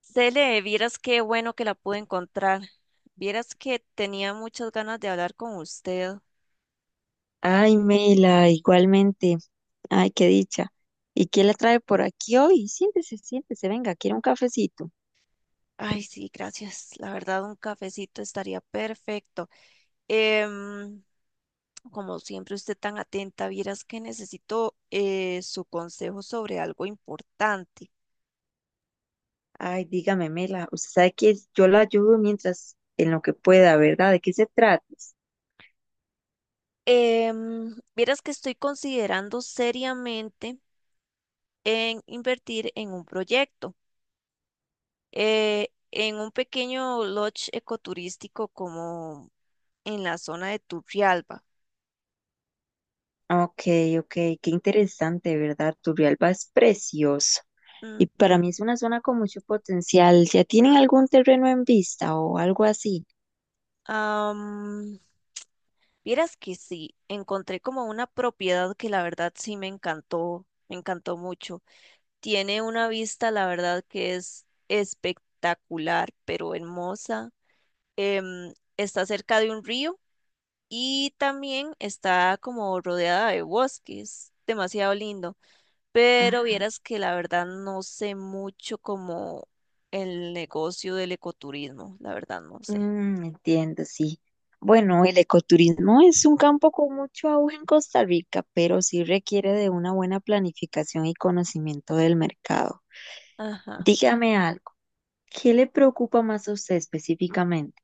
Cele, vieras qué bueno que la pude encontrar. Vieras que tenía muchas ganas de hablar con usted. Ay, Mela, igualmente. Ay, qué dicha. ¿Y quién la trae por aquí hoy? Siéntese, siéntese, venga, quiere un cafecito. Ay, sí, gracias. La verdad, un cafecito estaría perfecto. Em, Como siempre, usted tan atenta, vieras que necesito su consejo sobre algo importante. Ay, dígame, Mela, usted sabe que yo la ayudo mientras en lo que pueda, ¿verdad? ¿De qué se trata? Vieras que estoy considerando seriamente en invertir en un proyecto, en un pequeño lodge ecoturístico como en la zona de Turrialba. Ok, ok, qué interesante, ¿verdad? Turrialba es precioso. Y para mí Ujú. es una zona con mucho potencial. ¿Ya tienen algún terreno en vista o algo así? Am, Vieras que sí, encontré como una propiedad que la verdad sí me encantó mucho. Tiene una vista, la verdad que es espectacular, pero hermosa. Está cerca de un río y también está como rodeada de bosques, demasiado lindo. Pero Ajá. vieras que la verdad no sé mucho como el negocio del ecoturismo, la verdad no sé. Mm, entiendo, sí. Bueno, el ecoturismo es un campo con mucho auge en Costa Rica, pero sí requiere de una buena planificación y conocimiento del mercado. Ajá. Dígame algo, ¿qué le preocupa más a usted específicamente?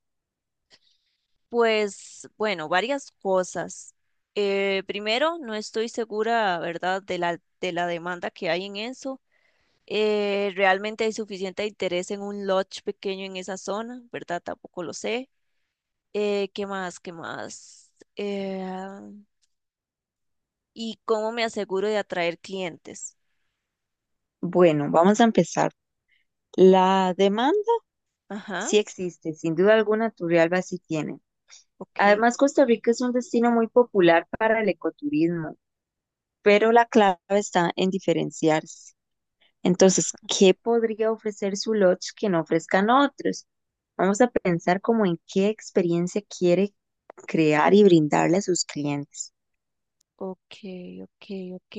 Pues bueno, varias cosas. Primero, no estoy segura, ¿verdad?, de la demanda que hay en eso. ¿Realmente hay suficiente interés en un lodge pequeño en esa zona, ¿verdad? Tampoco lo sé. ¿Qué más? ¿Qué más? ¿Y cómo me aseguro de atraer clientes? Bueno, vamos a empezar. La demanda Ajá. sí existe, sin duda alguna Turrialba sí tiene. Ok, Además, Costa Rica es un destino muy popular para el ecoturismo, pero la clave está en diferenciarse. Entonces, ¿qué podría ofrecer su lodge que no ofrezcan otros? Vamos a pensar como en qué experiencia quiere crear y brindarle a sus clientes. ok, ok, ok.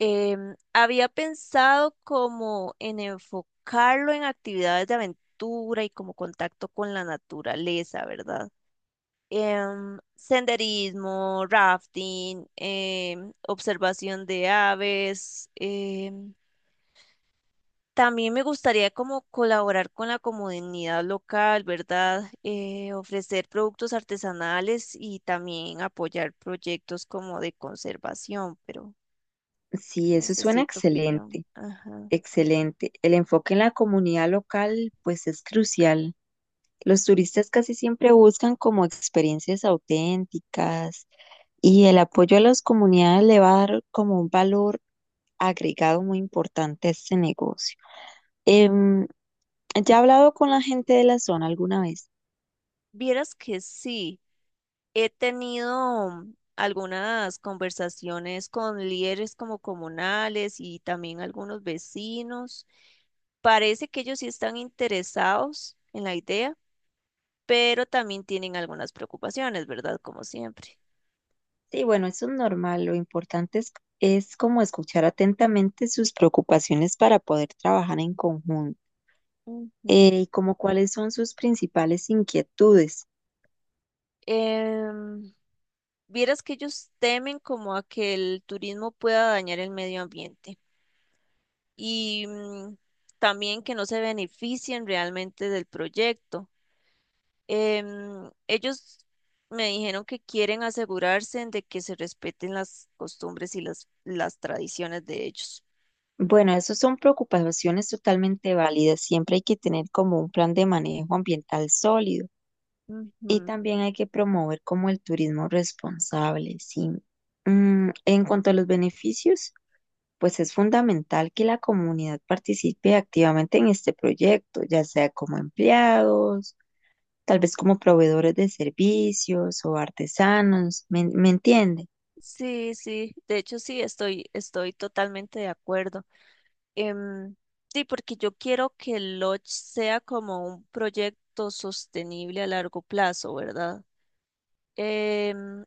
Había pensado como en enfocarlo en actividades de aventura y como contacto con la naturaleza, ¿verdad? Senderismo, rafting, observación de aves. También me gustaría como colaborar con la comunidad local, ¿verdad? Ofrecer productos artesanales y también apoyar proyectos como de conservación, pero Sí, eso suena necesito opinión. excelente, Ajá. excelente. El enfoque en la comunidad local, pues es crucial. Los turistas casi siempre buscan como experiencias auténticas y el apoyo a las comunidades le va a dar como un valor agregado muy importante a este negocio. Em, ¿Ya he hablado con la gente de la zona alguna vez? Vieras que sí, he tenido algunas conversaciones con líderes como comunales y también algunos vecinos. Parece que ellos sí están interesados en la idea, pero también tienen algunas preocupaciones, ¿verdad? Como siempre. Sí, bueno, eso es normal. Lo importante es como escuchar atentamente sus preocupaciones para poder trabajar en conjunto. Ujú. Y como cuáles son sus principales inquietudes. Em, Vieras que ellos temen como a que el turismo pueda dañar el medio ambiente y también que no se beneficien realmente del proyecto. Ellos me dijeron que quieren asegurarse de que se respeten las costumbres y las tradiciones de ellos. Bueno, esas son preocupaciones totalmente válidas. Siempre hay que tener como un plan de manejo ambiental sólido. Y Ujú. también hay que promover como el turismo responsable, sí. En cuanto a los beneficios, pues es fundamental que la comunidad participe activamente en este proyecto, ya sea como empleados, tal vez como proveedores de servicios o artesanos, ¿me entiende? Sí, sí, de hecho sí, estoy totalmente de acuerdo. Em, sí, porque yo quiero que el Lodge sea como un proyecto sostenible a largo plazo, ¿verdad? Em,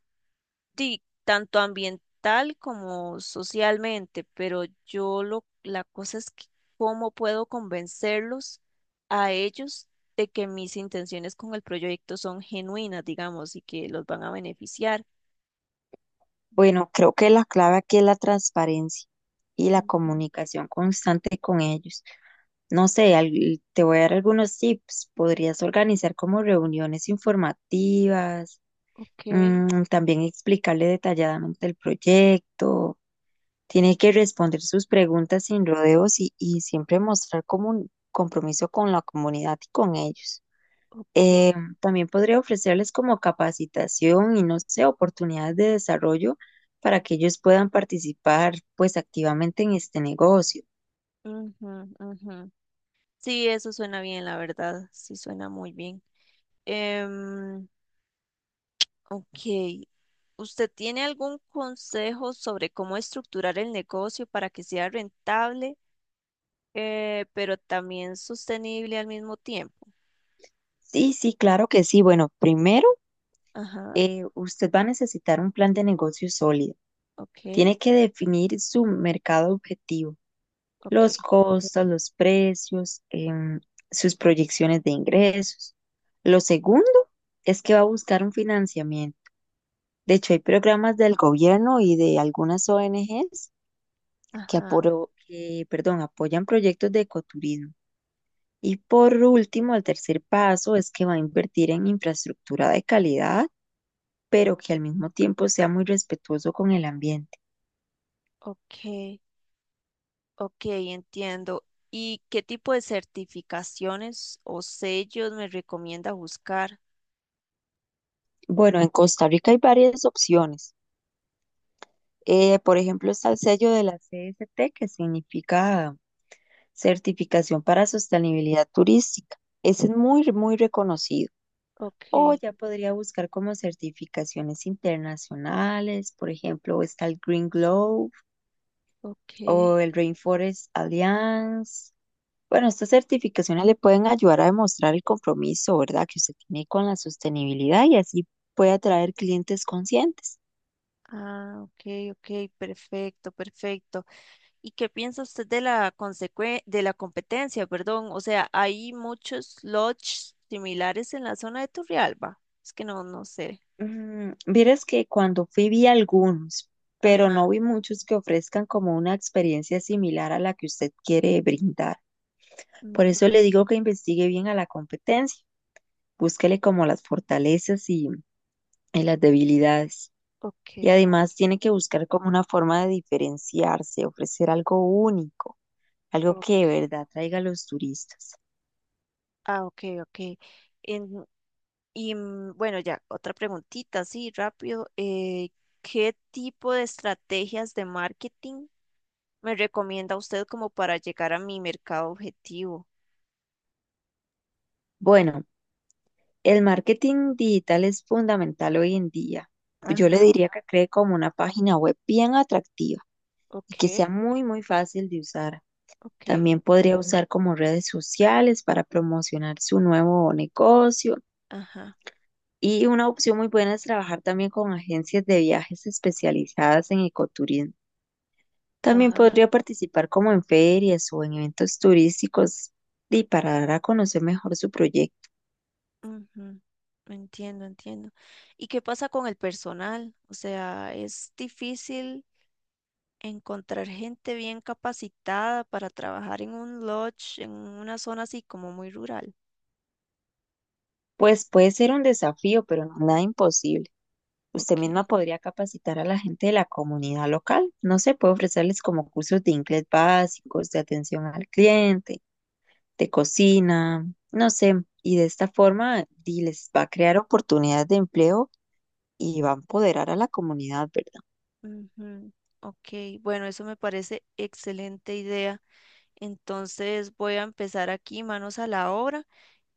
Sí, tanto ambiental como socialmente, pero yo lo, la cosa es que cómo puedo convencerlos a ellos de que mis intenciones con el proyecto son genuinas, digamos, y que los van a beneficiar. Bueno, creo que la clave aquí es la transparencia y la Ujú, comunicación constante con ellos. No sé, te voy a dar algunos tips. Podrías organizar como reuniones informativas, ok, también explicarle detalladamente el proyecto. Tiene que responder sus preguntas sin rodeos y, siempre mostrar como un compromiso con la comunidad y con ellos. ok. Eh, También podría ofrecerles como capacitación y no sé, oportunidades de desarrollo para que ellos puedan participar pues activamente en este negocio. Ujú, ujú. Sí, eso suena bien, la verdad, sí suena muy bien. Em, ok, ¿usted tiene algún consejo sobre cómo estructurar el negocio para que sea rentable? Eh, pero también sostenible al mismo tiempo. Sí, sí, claro que sí. Bueno, primero, Ajá, usted va a necesitar un plan de negocio sólido. ok, Tiene que definir su mercado objetivo, ok, los costos, los precios, em, sus proyecciones de ingresos. Lo segundo es que va a buscar un financiamiento. De hecho, hay programas del gobierno y de algunas ONGs ajá, que, perdón, apoyan proyectos de ecoturismo. Y por último, el tercer paso es que va a invertir en infraestructura de calidad, pero que al mismo tiempo sea muy respetuoso con el ambiente. ok, ok, entiendo. ¿Y qué tipo de certificaciones o sellos me recomienda buscar? Bueno, en Costa Rica hay varias opciones. Por ejemplo, está el sello de la CST, que significa Certificación para Sostenibilidad Turística. Ese es muy, muy reconocido. Ok, O ya podría buscar como certificaciones internacionales, por ejemplo, está el Green Globe o ok. el Rainforest Alliance. Bueno, estas certificaciones le pueden ayudar a demostrar el compromiso, ¿verdad?, que usted tiene con la sostenibilidad y así puede atraer clientes conscientes. Ah, ok, ok, perfecto, perfecto. ¿Y qué piensa usted de la consecue- de la competencia, perdón? O sea, hay muchos lodges similares en la zona de Turrialba. Es que no, no sé. Vieras que cuando fui vi algunos, pero no Ajá. vi muchos que ofrezcan como una experiencia similar a la que usted quiere brindar. Por eso le Ujú. digo que investigue bien a la competencia, búsquele como las fortalezas y, las debilidades. Y Ok, además tiene que buscar como una forma de diferenciarse, ofrecer algo único, algo que de ok. verdad traiga a los turistas. Ah, ok, ok. En- y bueno, ya, otra preguntita, sí, rápido. ¿Qué tipo de estrategias de marketing me recomienda usted como para llegar a mi mercado objetivo? Bueno, el marketing digital es fundamental hoy en día. Yo le Ajá, diría que cree como una página web bien atractiva y ok, que sea muy, muy fácil de usar. ok, También podría usar como redes sociales para promocionar su nuevo negocio. ajá, Y una opción muy buena es trabajar también con agencias de viajes especializadas en ecoturismo. También ajá. podría participar como en ferias o en eventos turísticos y para dar a conocer mejor su proyecto. Ujú, entiendo, entiendo. ¿Y qué pasa con el personal? O sea, ¿es difícil encontrar gente bien capacitada para trabajar en un lodge, en una zona así como muy rural? Pues puede ser un desafío, pero no nada imposible. Usted Ok, misma podría capacitar a la gente de la comunidad local. No sé, puede ofrecerles como cursos de inglés básicos, de atención al cliente, de cocina, no sé. Y de esta forma les va a crear oportunidades de empleo y va a empoderar a la comunidad, ¿verdad? ujú, ok, bueno, eso me parece excelente idea. Entonces voy a empezar aquí, manos a la obra,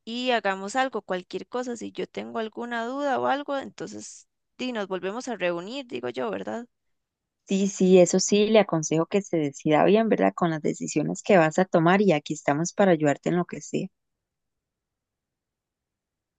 y hagamos algo, cualquier cosa. Si yo tengo alguna duda o algo, entonces di, nos volvemos a reunir, digo yo, ¿verdad? Sí, sí, eso sí, le aconsejo que se decida bien, ¿verdad? Con las decisiones que vas a tomar y aquí estamos para ayudarte en lo que sea.